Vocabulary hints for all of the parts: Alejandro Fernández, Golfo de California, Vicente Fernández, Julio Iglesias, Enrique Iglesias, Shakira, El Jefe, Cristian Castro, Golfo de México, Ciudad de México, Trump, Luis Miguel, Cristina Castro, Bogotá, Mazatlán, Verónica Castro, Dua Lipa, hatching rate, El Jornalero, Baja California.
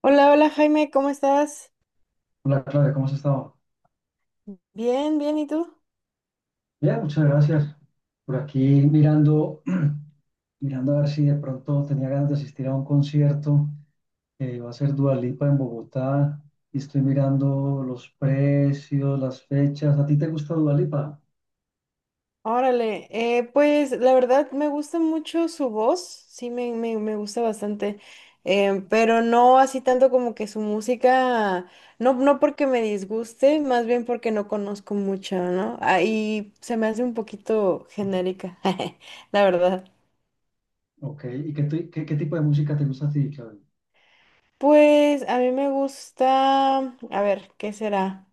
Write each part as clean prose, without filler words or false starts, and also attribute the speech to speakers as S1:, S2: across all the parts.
S1: Hola, hola Jaime, ¿cómo estás?
S2: Hola Claudia, ¿cómo has estado?
S1: Bien, bien, ¿y tú?
S2: Bien, muchas gracias. Por aquí mirando, mirando a ver si de pronto tenía ganas de asistir a un concierto. Va a ser Dua Lipa en Bogotá y estoy mirando los precios, las fechas. ¿A ti te gusta Dua Lipa?
S1: Órale, pues la verdad me gusta mucho su voz, sí me gusta bastante, pero no así tanto como que su música, no, no porque me disguste, más bien porque no conozco mucho, ¿no? Ahí se me hace un poquito genérica, la verdad.
S2: Ok, ¿y qué tipo de música te gusta a ti, Claudia?
S1: Pues a mí me gusta, a ver, ¿qué será?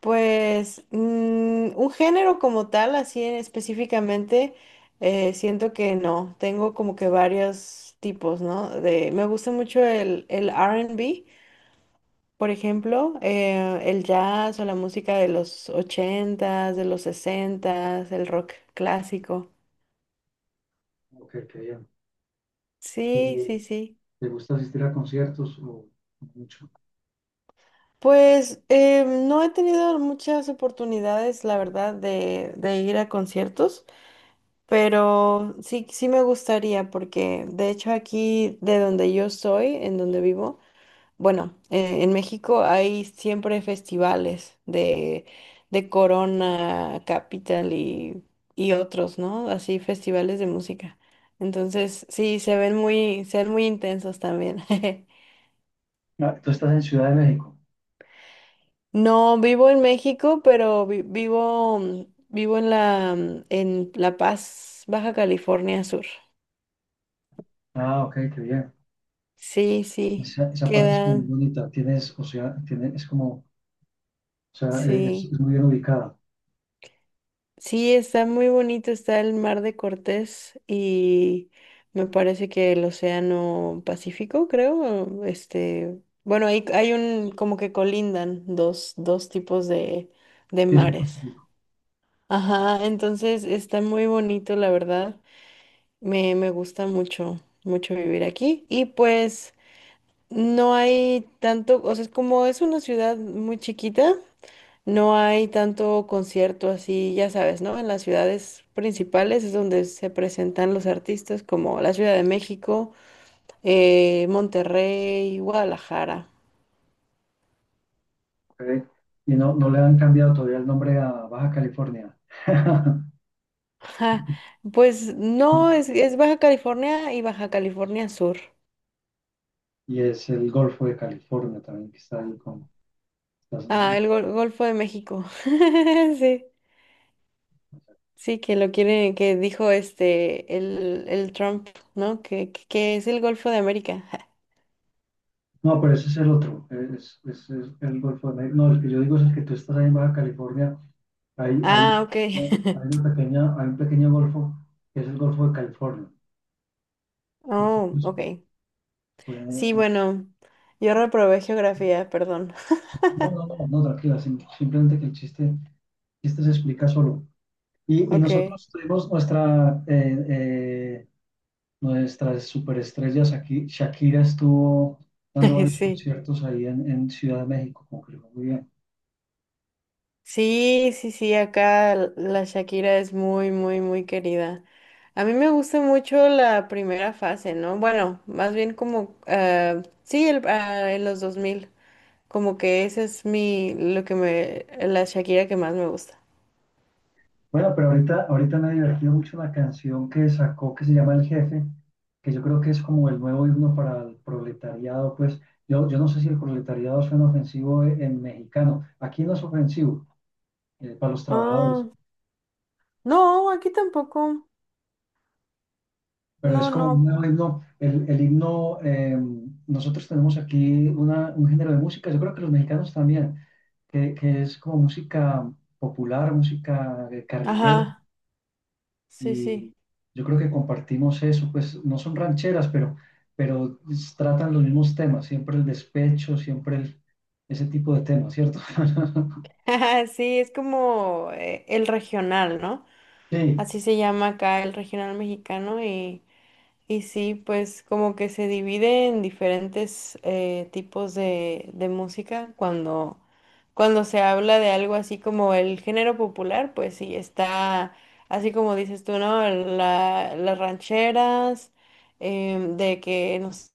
S1: Pues un género como tal, así específicamente, siento que no. Tengo como que varios tipos, ¿no? Me gusta mucho el R&B, por ejemplo, el jazz o la música de los ochentas, de los sesentas, el rock clásico.
S2: Ok, qué bien.
S1: Sí,
S2: ¿Y
S1: sí, sí.
S2: te gusta asistir a conciertos o mucho?
S1: Pues no he tenido muchas oportunidades, la verdad, de ir a conciertos. Pero sí, sí me gustaría porque de hecho aquí de donde yo soy, en donde vivo, bueno, en México hay siempre festivales de Corona, Capital y otros, ¿no? Así festivales de música. Entonces, sí, se ven muy intensos también.
S2: Ah, tú estás en Ciudad de México.
S1: No vivo en México, pero vivo, vivo en en La Paz, Baja California Sur.
S2: Ah, ok, qué bien.
S1: Sí, sí,
S2: Esa parte es como
S1: queda.
S2: muy bonita. Tienes, o sea, es como. O sea,
S1: Sí,
S2: es muy bien ubicada.
S1: sí, está muy bonito, está el Mar de Cortés y me parece que el Océano Pacífico, creo, este, bueno, hay un, como que colindan dos tipos de
S2: Sí, es el
S1: mares.
S2: Pacífico,
S1: Ajá, entonces está muy bonito, la verdad, me gusta mucho, mucho vivir aquí y pues no hay tanto, o sea, es como es una ciudad muy chiquita. No hay tanto concierto así, ya sabes, ¿no? En las ciudades principales es donde se presentan los artistas como la Ciudad de México, Monterrey, Guadalajara.
S2: ok. Y no, no le han cambiado todavía el nombre a Baja California.
S1: Ja, pues no, es Baja California y Baja California Sur.
S2: Y es el Golfo de California también, que está ahí con Estados
S1: Ah,
S2: Unidos.
S1: el Golfo de México. Sí, sí, que lo quiere, que dijo este, el Trump, ¿no? Que, que es el Golfo de América. Ja.
S2: No, pero ese es el otro, es el Golfo de México. No, el que yo digo es el que tú estás ahí en Baja California. Hay, hay,
S1: Ah, ok.
S2: hay una pequeña, hay un pequeño golfo que es el Golfo de California.
S1: Oh,
S2: Entonces,
S1: ok.
S2: pues,
S1: Sí, bueno, yo reprobé geografía, perdón.
S2: no, no, no, no, tranquila, simplemente que el chiste se explica solo. Y
S1: Ok,
S2: nosotros tuvimos nuestra, nuestras superestrellas aquí. Shakira estuvo dando varios
S1: sí.
S2: conciertos ahí en Ciudad de México, concluyó muy bien.
S1: Sí, sí, sí, acá la Shakira es muy, muy, muy querida. A mí me gusta mucho la primera fase, ¿no? Bueno, más bien como, ah, sí, el, ah, en los 2000, como que ese es mi, lo que me, la Shakira que más me gusta.
S2: Bueno, pero ahorita, ahorita me ha divertido mucho una canción que sacó que se llama El Jefe, que yo creo que es como el nuevo himno para el proletariado. Pues yo no sé si el proletariado suena ofensivo en mexicano. Aquí no es ofensivo, para los trabajadores.
S1: Ah, no, aquí tampoco.
S2: Pero
S1: No,
S2: es como un
S1: no.
S2: nuevo himno, el himno, nosotros tenemos aquí una, un género de música, yo creo que los mexicanos también, que es como música popular, música carrilera,
S1: Ajá, sí,
S2: y
S1: sí.
S2: yo creo que compartimos eso, pues no son rancheras, pero, tratan los mismos temas, siempre el despecho, ese tipo de temas, ¿cierto?
S1: Sí, es como el regional, ¿no?
S2: Sí,
S1: Así se llama acá el regional mexicano y sí, pues como que se divide en diferentes tipos de música. Cuando se habla de algo así como el género popular, pues sí, está así como dices tú, ¿no? Las rancheras, de que no sé,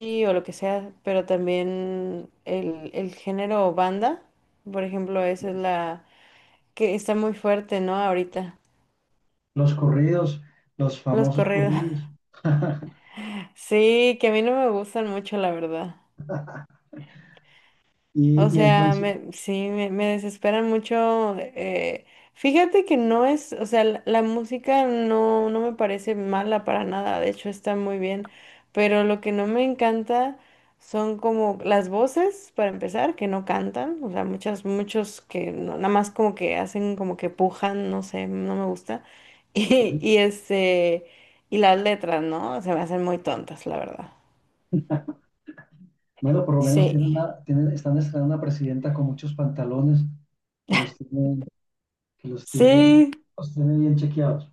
S1: sí, o lo que sea, pero también el género banda, por ejemplo, esa es la que está muy fuerte, ¿no? Ahorita,
S2: los corridos, los
S1: los
S2: famosos
S1: corridos.
S2: corridos.
S1: Sí, que a mí no me gustan mucho, la verdad.
S2: Y,
S1: O
S2: y
S1: sea,
S2: entonces,
S1: me desesperan mucho. Fíjate que no es, o sea, la música no, no me parece mala para nada, de hecho está muy bien, pero lo que no me encanta son como las voces, para empezar, que no cantan, o sea, muchos que nada más como que hacen como que pujan, no sé, no me gusta.
S2: ok.
S1: Y, y las letras, ¿no? Se me hacen muy tontas, la verdad.
S2: Bueno, por lo menos tienen
S1: Sí.
S2: una, tienen, están estrenando una presidenta con muchos pantalones que los tiene, que
S1: Sí,
S2: los tiene bien chequeados.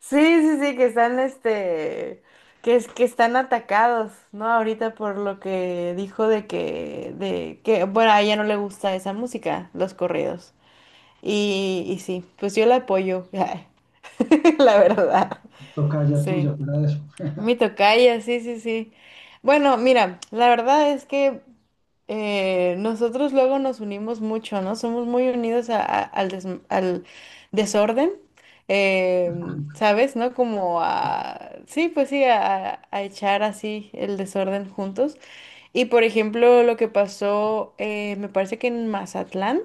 S1: sí, sí, sí, que están, que es que están atacados, ¿no? Ahorita por lo que dijo bueno, a ella no le gusta esa música, los corridos. Y sí, pues yo la apoyo, la verdad.
S2: Toca ya
S1: Sí.
S2: tuya, fuera de eso.
S1: Mi tocaya, sí, sí, sí. Bueno, mira, la verdad es que nosotros luego nos unimos mucho, ¿no? Somos muy unidos al desorden, eh, ¿sabes? ¿No? Como a, sí, pues sí, a echar así el desorden juntos. Y por ejemplo, lo que pasó, me parece que en Mazatlán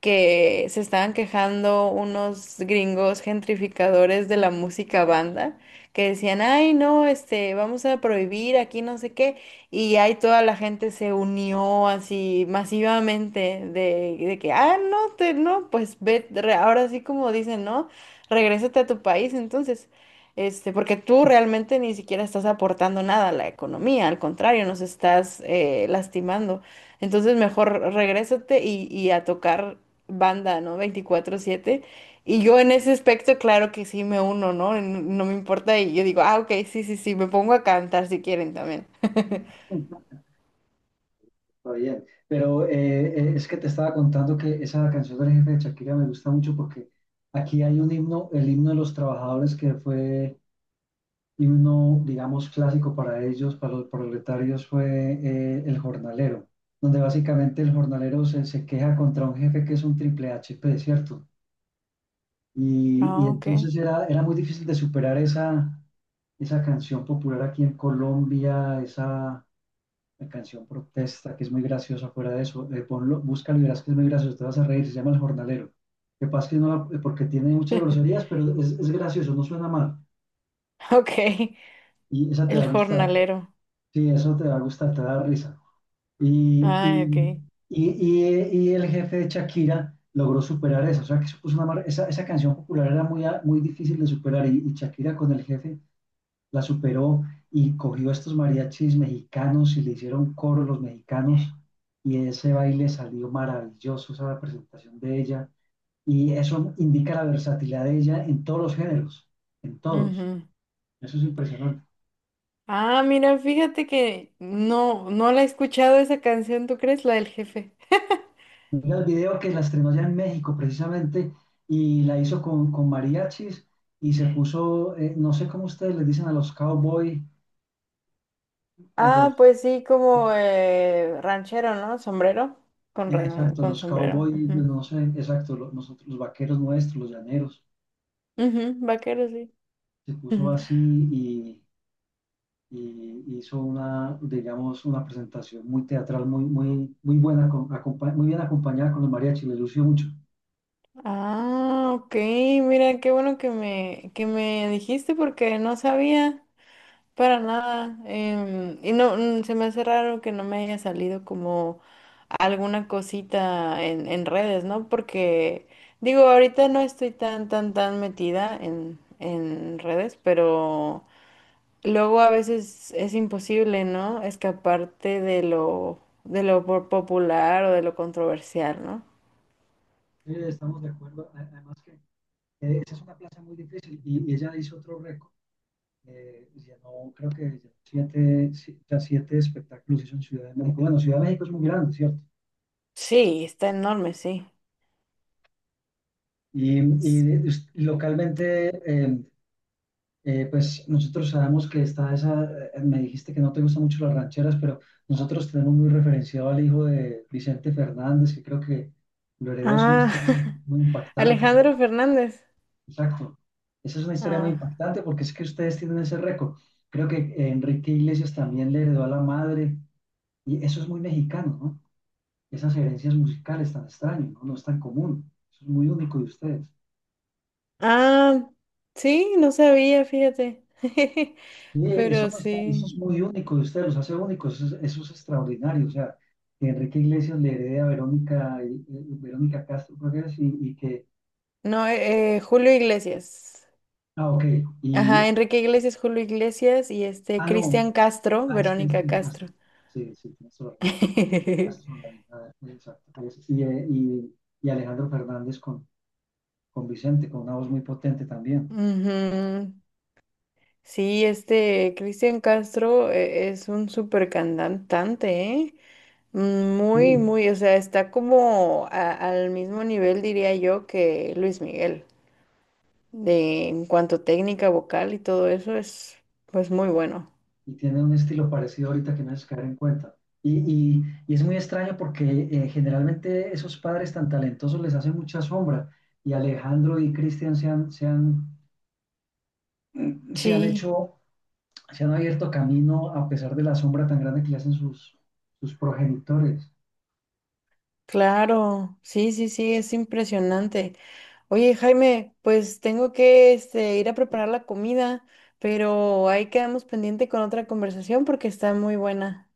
S1: que se estaban quejando unos gringos gentrificadores de la música banda, que decían, ay, no, este, vamos a prohibir aquí no sé qué, y ahí toda la gente se unió así masivamente de que, ah, no, te, no, pues ve, ahora sí como dicen, ¿no? Regrésate a tu país, entonces. Este, porque tú realmente ni siquiera estás aportando nada a la economía, al contrario, nos estás lastimando. Entonces mejor regrésate y a tocar banda, no 24/7. Y yo en ese aspecto, claro que sí me uno, ¿no? No me importa y yo digo, ah, ok, sí, sí, sí, me pongo a cantar si quieren también.
S2: Está bien. Pero es que te estaba contando que esa canción del jefe de Shakira me gusta mucho porque aquí hay un himno, el himno de los trabajadores que fue himno, digamos, clásico para ellos, para los proletarios, fue El Jornalero, donde básicamente el jornalero se, se queja contra un jefe que es un triple H, HP, ¿cierto? Y
S1: Ah, ok.
S2: entonces era, era muy difícil de superar esa, esa canción popular aquí en Colombia, esa canción protesta, que es muy graciosa fuera de eso. Ponlo, búscalo y verás que es muy gracioso, te vas a reír, se llama El Jornalero. Lo que pasa es que no, porque tiene muchas groserías, pero es gracioso, no suena mal.
S1: Ok,
S2: Y esa te va a
S1: el
S2: gustar,
S1: jornalero.
S2: sí, eso te va a gustar, te va a dar risa. Y,
S1: Ah,
S2: y,
S1: ok.
S2: y, y y el jefe de Shakira logró superar eso. O sea, que supuso una esa, esa canción popular era muy, muy difícil de superar y Shakira con el jefe la superó y cogió a estos mariachis mexicanos y le hicieron coro los mexicanos y ese baile salió maravilloso, esa presentación de ella. Y eso indica la versatilidad de ella en todos los géneros, en todos.
S1: Ujú.
S2: Eso es impresionante.
S1: Ah, mira, fíjate que no, no la he escuchado esa canción, ¿tú crees? La del jefe.
S2: Mira el video que la estrenó allá en México precisamente y la hizo con mariachis y se puso, no sé cómo ustedes les dicen a los cowboy, a
S1: Ah,
S2: los,
S1: pues sí, como ranchero, ¿no? Sombrero. Con,
S2: exacto,
S1: con
S2: los
S1: sombrero.
S2: cowboy, no sé, exacto, nosotros, los vaqueros nuestros, los llaneros,
S1: Ujú, vaquero, sí.
S2: se puso
S1: Ujú.
S2: así y, y hizo una, digamos, una presentación muy teatral, muy, muy, muy buena, muy bien acompañada con los mariachis, le lució mucho.
S1: Ah, ok, mira, qué bueno que que me dijiste porque no sabía para nada. Y no, mm, se me hace raro que no me haya salido como alguna cosita en redes, ¿no? Porque digo, ahorita no estoy tan, tan, tan metida en redes, pero luego a veces es imposible, ¿no? Escaparte de lo popular o de lo controversial, ¿no?
S2: Sí, estamos de acuerdo, además que esa es una plaza muy difícil y ella hizo otro récord. Llenó, creo que llenó siete, ya siete espectáculos en Ciudad de México. Bueno, Ciudad de México es muy grande, ¿cierto?
S1: Sí, está enorme, sí.
S2: Y, localmente, eh, pues nosotros sabemos que está esa, me dijiste que no te gustan mucho las rancheras, pero nosotros tenemos muy referenciado al hijo de Vicente Fernández, que creo que lo heredó, es una
S1: Ah,
S2: historia muy impactante.
S1: Alejandro Fernández.
S2: Exacto. Esa es una historia muy
S1: Ah,
S2: impactante porque es que ustedes tienen ese récord. Creo que Enrique Iglesias también le heredó a la madre y eso es muy mexicano, ¿no? Esas herencias musicales tan extrañas, ¿no? No es tan común. Eso es muy único de ustedes.
S1: ah, sí, no sabía, fíjate.
S2: Sí, eso,
S1: Pero
S2: no está, eso
S1: sí.
S2: es muy único de ustedes, los hace únicos, eso es extraordinario. O sea, que Enrique Iglesias le herede a Verónica, Verónica Castro, creo que es, y que,
S1: No, Julio Iglesias.
S2: ah, ok, y,
S1: Ajá, Enrique Iglesias, Julio Iglesias y este
S2: ah, no,
S1: Cristian Castro,
S2: ah, es
S1: Verónica
S2: Cristina
S1: Castro.
S2: Castro. Sí, sí, tienes toda la razón. Castro, exacto. Y Alejandro Fernández con Vicente, con una voz muy potente también.
S1: Ujú. Sí, este Cristian Castro es un súper cantante, ¿eh? Mm, muy,
S2: Sí,
S1: muy, o sea, está como al mismo nivel, diría yo, que Luis Miguel. De, en cuanto a técnica vocal y todo eso, es pues muy bueno.
S2: y tiene un estilo parecido ahorita que no haces caer en cuenta. Y, y y es muy extraño porque generalmente esos padres tan talentosos les hacen mucha sombra y Alejandro y Cristian se han, se han, se han
S1: Sí,
S2: hecho, se han abierto camino a pesar de la sombra tan grande que le hacen sus, sus progenitores.
S1: claro, sí, sí, sí, es impresionante. Oye, Jaime, pues tengo que ir a preparar la comida, pero ahí quedamos pendiente con otra conversación porque está muy buena.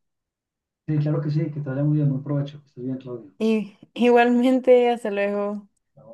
S2: Sí, claro que sí, que te vaya muy bien, buen provecho, que estés bien, Claudio.
S1: Y igualmente, hasta luego.
S2: Chao.